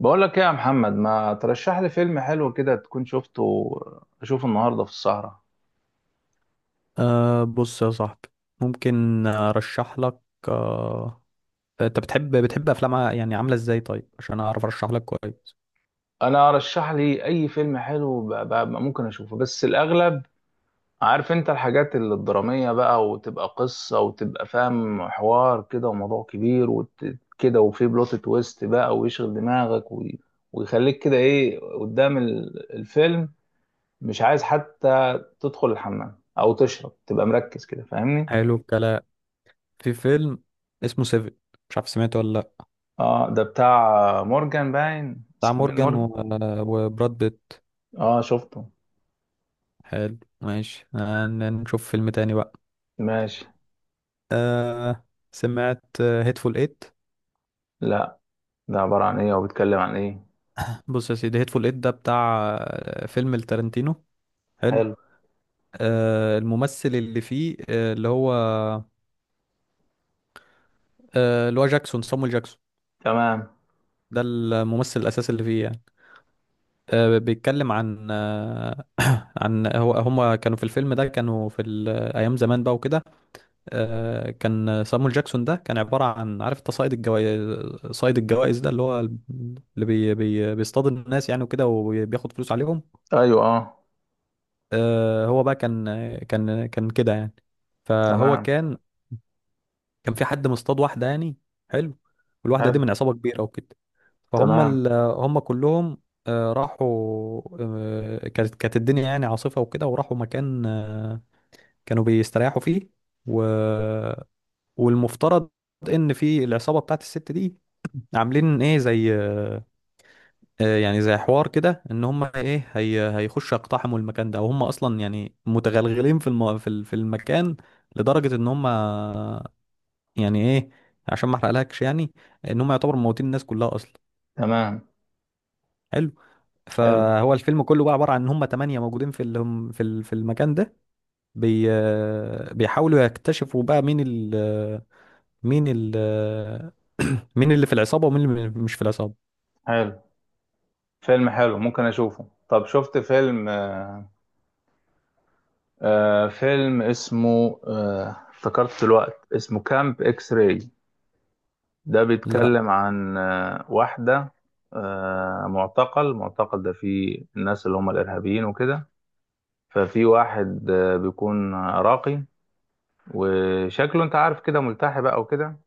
بقول لك ايه يا محمد، ما ترشح لي فيلم حلو كده تكون شفته اشوفه النهارده في السهرة. أه، بص يا صاحبي، ممكن ارشح لك. أه انت بتحب افلام، يعني عامله ازاي؟ طيب، عشان اعرف ارشح لك كويس. انا ارشح لي اي فيلم حلو ممكن اشوفه، بس الاغلب عارف انت الحاجات الدرامية بقى، وتبقى قصة، وتبقى فاهم حوار كده وموضوع كبير وكده، وفي بلوت تويست بقى ويشغل دماغك ويخليك كده ايه قدام الفيلم. مش عايز حتى تدخل الحمام او تشرب، تبقى مركز كده، فاهمني. حلو الكلام. في فيلم اسمه سيفن، مش عارف سمعته ولا لا. اه ده بتاع مورجان، باين بتاع اسمه مين مورجان مورجان. وبراد بيت. اه شفته. حلو، ماشي. نشوف فيلم تاني بقى. ماشي. أه، سمعت هيتفول ايت؟ لا، ده عبارة عن ايه وبيتكلم عن ايه؟ بص يا سيدي، هيتفول ايت ده بتاع فيلم التارنتينو. حلو. حلو. أه، الممثل اللي فيه، اللي هو جاكسون، صامويل جاكسون. تمام. ده الممثل الأساسي اللي فيه يعني. بيتكلم عن هما كانوا في الفيلم ده، أيام زمان بقى وكده. كان سامويل جاكسون ده كان عبارة عن، عارف انت، صائد الجوائز. صائد الجوائز ده اللي هو اللي بي بي بيصطاد الناس يعني وكده، وبياخد فلوس عليهم. ايوه اه. هو بقى كان كده يعني. فهو تمام. كان في حد مصطاد واحدة يعني. حلو. والواحدة دي حلو. من عصابة كبيرة وكده. فهم تمام. هم كلهم، راحوا. كانت الدنيا يعني عاصفة وكده، وراحوا مكان، كانوا بيستريحوا فيه. و... والمفترض ان في العصابة بتاعت الست دي عاملين ايه، زي، يعني زي حوار كده، ان هم ايه، هيخشوا يقتحموا المكان ده. وهم اصلا يعني متغلغلين في المكان، لدرجة ان هم يعني ايه، عشان ما احرقلكش يعني، ان هم يعتبروا موتين الناس كلها اصلا. تمام. حلو. حلو. فهو الفيلم كله بقى عبارة عن ان هم 8 موجودين في ال- هم في ال- في المكان ده. بي بيحاولوا يكتشفوا بقى مين ال مين ال مين اللي في العصابة ومين اللي مش في العصابة. حلو، فيلم حلو ممكن اشوفه. طب شفت فيلم فيلم اسمه افتكرت الوقت، اسمه كامب اكس راي. ده لا. بيتكلم عن واحدة معتقل، معتقل ده فيه الناس اللي هم الارهابيين وكده. ففي واحد بيكون راقي، وشكله انت عارف كده ملتحي بقى وكده.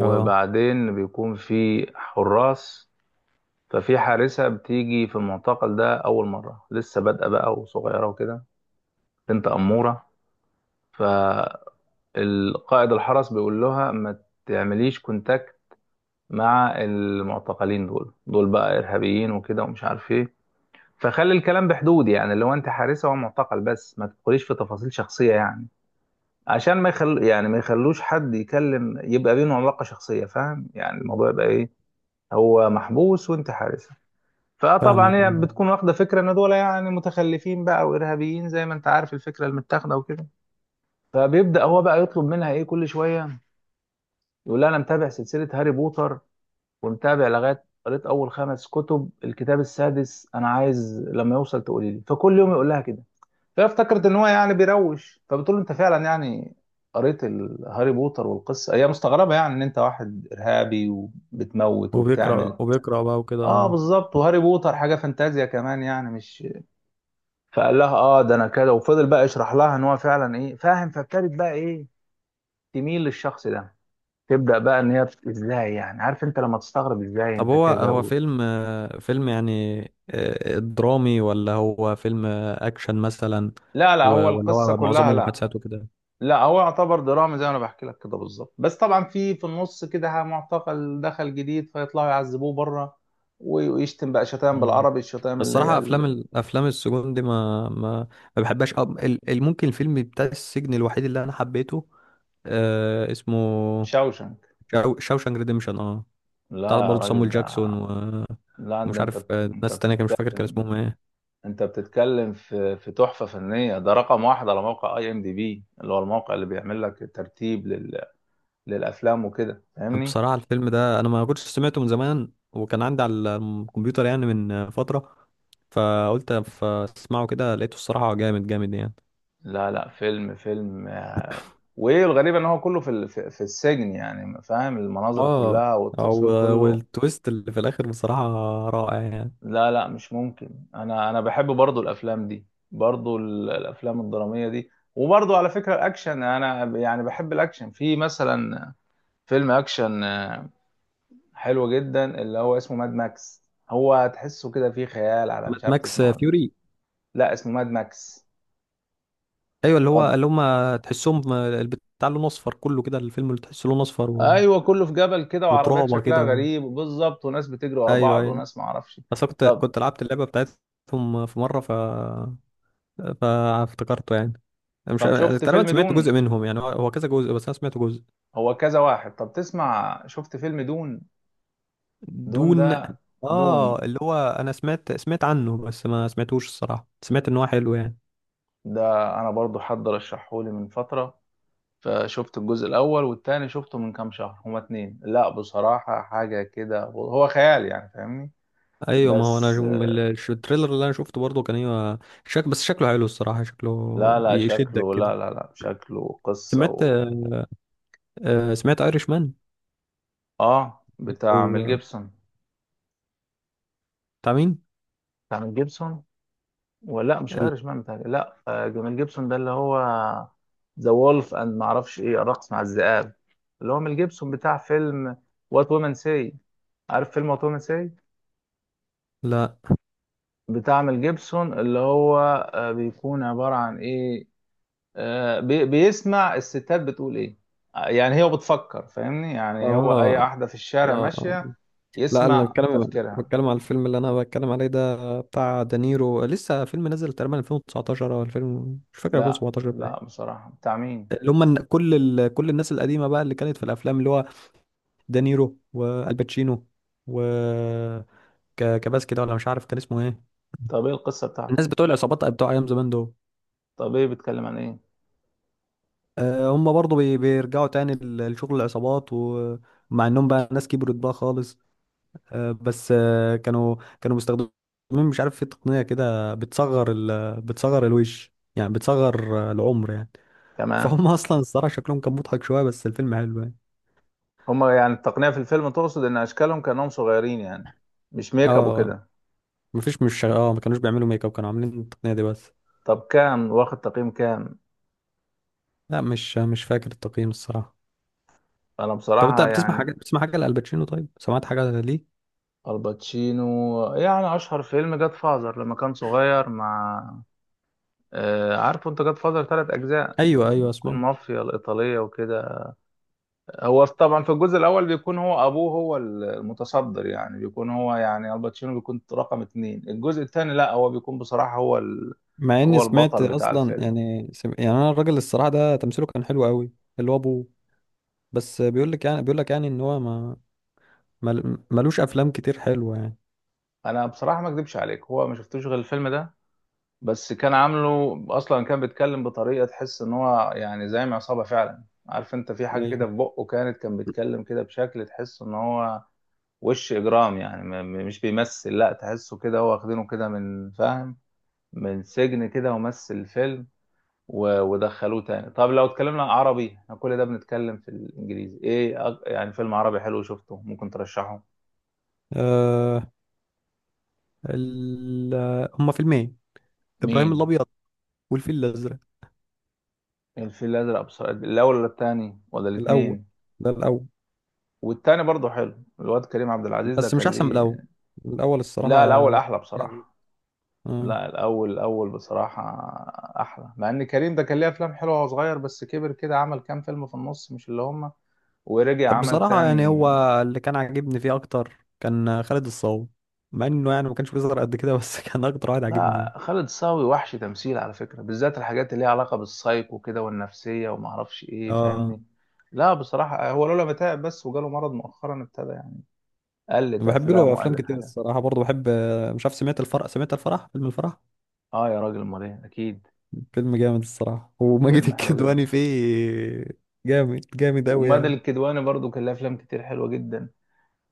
اه، بيكون في حراس. ففي حارسة بتيجي في المعتقل ده أول مرة، لسه بادئة بقى وصغيرة وكده، بنت أمورة. فالقائد الحرس بيقول لها ما تعمليش كونتاكت مع المعتقلين، دول بقى إرهابيين وكده ومش عارف ايه. فخلي الكلام بحدود، يعني لو انت حارسة ومعتقل، بس ما تدخليش في تفاصيل شخصية يعني، عشان ما يخل يعني ما يخلوش حد يكلم، يبقى بينهم علاقة شخصية. فاهم يعني الموضوع يبقى ايه، هو محبوس وانت حارس. فاهمك. فطبعا هي بتكون واخدة فكرة ان دول يعني متخلفين بقى وارهابيين، زي ما انت عارف الفكرة المتاخدة وكده. فبيبدأ هو بقى يطلب منها ايه كل شوية، يقول لها انا متابع سلسلة هاري بوتر ومتابع لغاية قريت اول خمس كتب، الكتاب السادس انا عايز لما يوصل تقولي لي. فكل يوم يقول لها كده، فافتكرت ان هو يعني بيروش. فبتقول له انت فعلا يعني قريت هاري بوتر والقصه؟ هي مستغربه يعني ان انت واحد ارهابي وبتموت وبتعمل وبيقرأ ايوه. وبيقرأ بقى اه وكده. بالظبط، وهاري بوتر حاجه فانتازيا كمان يعني مش. فقال لها اه ده انا كده، وفضل بقى يشرح لها ان هو فعلا ايه فاهم. فابتدت بقى ايه، تميل للشخص ده، تبدا بقى ان هي ازاي يعني، عارف انت لما تستغرب ازاي طب انت كذا هو و... فيلم يعني، درامي، ولا هو فيلم اكشن مثلا؟ لا لا، هو ولا القصه هو كلها معظمه لا. محادثات وكده؟ لا، هو يعتبر دراما زي ما انا بحكي لك كده بالظبط. بس طبعا في النص كده معتقل دخل جديد، فيطلعوا يعذبوه بره، ويشتم بقى شتائم بالعربي، الشتائم اللي هي الصراحة أفلام أفلام السجون دي، ما بحبهاش. أو ممكن الفيلم بتاع السجن الوحيد اللي أنا حبيته، اسمه الشاوشنك. شاوشانك ريديمشن. اه، لا بتاع يا برضه راجل، صامويل ده جاكسون، لا، ده ومش انت، عارف، انت ناس تانية كان مش فاكر كان بتتكلم، اسمهم ايه. انت بتتكلم في تحفه فنيه. ده رقم واحد على موقع اي ام دي بي، اللي هو الموقع اللي بيعمل لك الترتيب لل... للافلام وكده، فاهمني. بصراحة الفيلم ده أنا ما كنتش سمعته من زمان، وكان عندي على الكمبيوتر يعني من فترة، فقلت فاسمعه كده، لقيته الصراحة جامد جامد يعني. لا لا، فيلم فيلم وايه الغريب ان هو كله في ال- في في السجن يعني، فاهم المناظر اه، كلها أو، والتصوير كله. والتويست اللي في الآخر بصراحة رائع يعني. لا لا، مش ممكن، انا بحب برضو الافلام دي، برضو الافلام الدرامية دي. وبرضو على فكرة الاكشن، انا يعني بحب الاكشن في مثلا فيلم اكشن حلو جدا اللي هو اسمه ماد ماكس. هو تحسه كده فيه خيال على، ماد مش عارف ماكس تسمعه ولا. فيوري. لا لا، اسمه ماد ماكس. ايوه، اللي هو، اللي هم تحسهم البتاع لونه اصفر كله كده، الفيلم اللي تحسه لونه اصفر ايوه كله في جبل كده، وعربيات وترابه شكلها كده غريب بالظبط، وناس بتجري ورا ايوه بعض، ايوه. وناس ما اعرفش. بس أنا طب، كنت لعبت اللعبه بتاعتهم في مره، فافتكرته يعني. أنا مش، طب شفت تقريبا فيلم سمعت دون؟ جزء منهم يعني، هو كذا جزء، بس انا سمعت جزء. هو كذا واحد. طب تسمع، شفت فيلم دون؟ دون ده، دون. دون اه، اللي هو، انا سمعت عنه، بس ما سمعتوش الصراحه. سمعت ان هو حلو يعني. ده انا برضو حد رشحهولي من فترة، فشفت الجزء الاول والتاني شفته من كام شهر، هما اتنين. لا بصراحة حاجة كده، هو خيال يعني فاهمني، ايوه، ما هو انا بس. من التريلر اللي انا شفته برضه كان، ايوه، شك، بس شكله حلو الصراحه، لا شكله لا يشدك شكله، كده. لا شكله قصة سمعت و... سمعت ايرش مان؟ اه بتاع ميل جيبسون. بتاع مين؟ بتاع ميل جيبسون، ولا مش ال- ايرش مان بتاعي، لا جميل جيبسون ده اللي هو ذا وولف اند ما اعرفش ايه، الرقص مع الذئاب، اللي هو ميل جيبسون بتاع فيلم وات وومن سي. عارف فيلم وات وومن سي؟ لا. بتاع ميل جيبسون اللي هو بيكون عبارة عن ايه، بيسمع الستات بتقول ايه، يعني هي بتفكر، فاهمني، يعني آه. هو اي آه. واحدة في الشارع آه. ماشية لا، انا يسمع تفكيرها. بتكلم على الفيلم اللي انا بتكلم عليه، ده بتاع دانيرو، لسه فيلم نزل تقريبا 2019 او 2000، مش فاكر، لا 2017 بقى. لا، بصراحة بتاع مين؟ اللي هم، كل كل الناس القديمه بقى اللي كانت في الافلام، اللي هو دانيرو والباتشينو، و كباس كده، ولا مش عارف كان اسمه ايه. طب ايه القصة بتاعته؟ الناس بتوع العصابات بتوع ايام زمان دول. طب ايه، بيتكلم عن ايه؟ هم برضه بيرجعوا تاني لشغل العصابات، ومع انهم بقى ناس كبرت بقى خالص. بس كانوا مستخدمين، مش عارف، في تقنية كده بتصغر ال بتصغر الوش يعني، بتصغر العمر يعني. تمام. فهم اصلا الصراحة شكلهم كان مضحك شوية، بس الفيلم حلو يعني. هما يعني التقنية في الفيلم تقصد إن أشكالهم كأنهم صغيرين يعني؟ مش اه، ميك اب آه، وكده؟ مفيش مش اه ما كانوش بيعملوا ميك اب، كانوا عاملين التقنية دي بس. طب كام واخد تقييم، كام؟ لا، مش فاكر التقييم الصراحة. أنا طب انت بصراحة يعني. بتسمع حاجة لألباتشينو؟ طيب سمعت حاجة ليه؟ الباتشينو، يعني أشهر فيلم جاد فازر لما كان صغير مع عارفه أنت، جاد فازر تلات أجزاء، ايوه ايوه، بتكون سمعت. مافيا الإيطالية وكده. هو طبعا في الجزء الأول بيكون هو أبوه هو المتصدر، يعني بيكون هو، يعني الباتشينو بيكون رقم اتنين. الجزء التاني لأ، هو بيكون بصراحة هو ال... مع اني هو سمعت البطل بتاع اصلا الفيلم. يعني، يعني انا الراجل الصراحة ده تمثيله كان حلو قوي. اللي هو ابوه. بس بيقول لك يعني ان هو ما ملوش افلام كتير حلوه يعني. انا بصراحه ما اكذبش عليك، هو ما شفتوش غير الفيلم ده، بس كان عامله اصلا كان بيتكلم بطريقه تحس ان هو يعني زعيم عصابه فعلا، عارف انت في حاجه كده ايوه. في بقه، كانت كان بيتكلم كده بشكل تحس ان هو وش اجرام يعني، مش بيمثل لا، تحسه كده هو واخدينه كده من فاهم، من سجن كده ومثل الفيلم ودخلوه تاني. طب لو اتكلمنا عربي، احنا كل ده بنتكلم في الانجليزي، ايه يعني فيلم عربي حلو شفته ممكن ترشحه؟ آه... ال... هما فيلمين، ابراهيم مين؟ الابيض والفيل الازرق. الفيل الازرق بصراحه، الاول ولا التاني ولا الاول. الاثنين؟ ده الاول، والتاني برضه حلو، الواد كريم عبد العزيز ده بس مش كان احسن من الاول. ليه. الاول الصراحه، لا الاول احلى يعني. بصراحه. آه. لا الاول، الاول بصراحه احلى. مع ان كريم ده كان ليه افلام حلوه وهو صغير، بس كبر كده عمل كام فيلم في النص مش اللي هم، ورجع عمل بصراحه يعني تاني. هو اللي كان عاجبني فيه اكتر كان خالد الصاوي، مع انه يعني ما كانش بيظهر قد كده، بس كان اكتر واحد عاجبني لا يعني. خالد صاوي وحش تمثيل على فكره، بالذات الحاجات اللي ليها علاقه بالسايكو كده والنفسيه وما اعرفش ايه، اه، فاهمني. لا بصراحه هو لولا ما تعب بس وجاله مرض مؤخرا، ابتدى يعني قلت بحب افلام له افلام وقلت كتير حاجات. الصراحه، برضه بحب. مش عارف، سمعت الفرح فيلم الفرح اه يا راجل، امال ايه، اكيد. فيلم جامد الصراحة، وماجد فيلم حلو جدا. الكدواني فيه. جامد جامد أوي ومادة يعني. الكدواني برضو كان لها افلام كتير حلوه جدا،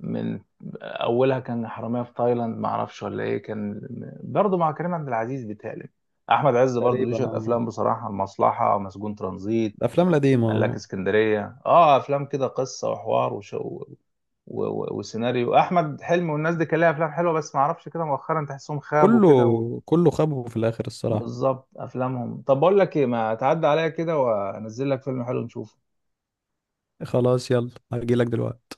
من اولها كان حرامية في تايلاند ما اعرفش ولا ايه كان، برضو مع كريم عبد العزيز بيتهيألي. احمد عز برضو ليه تقريبا، شويه اه، افلام بصراحه، المصلحه، مسجون ترانزيت، الأفلام القديمة. ملاك آه. اسكندريه، اه افلام كده قصه وحوار وسيناريو. احمد حلمي والناس دي كان لها افلام حلوه، بس ما اعرفش كده مؤخرا تحسهم خابوا كله كده و... كله خابه في الآخر الصراحة. بالظبط افلامهم. طب بقول لك ايه، ما تعدي عليا كده وانزل لك فيلم حلو نشوفه. خلاص، يلا، هجيلك دلوقتي.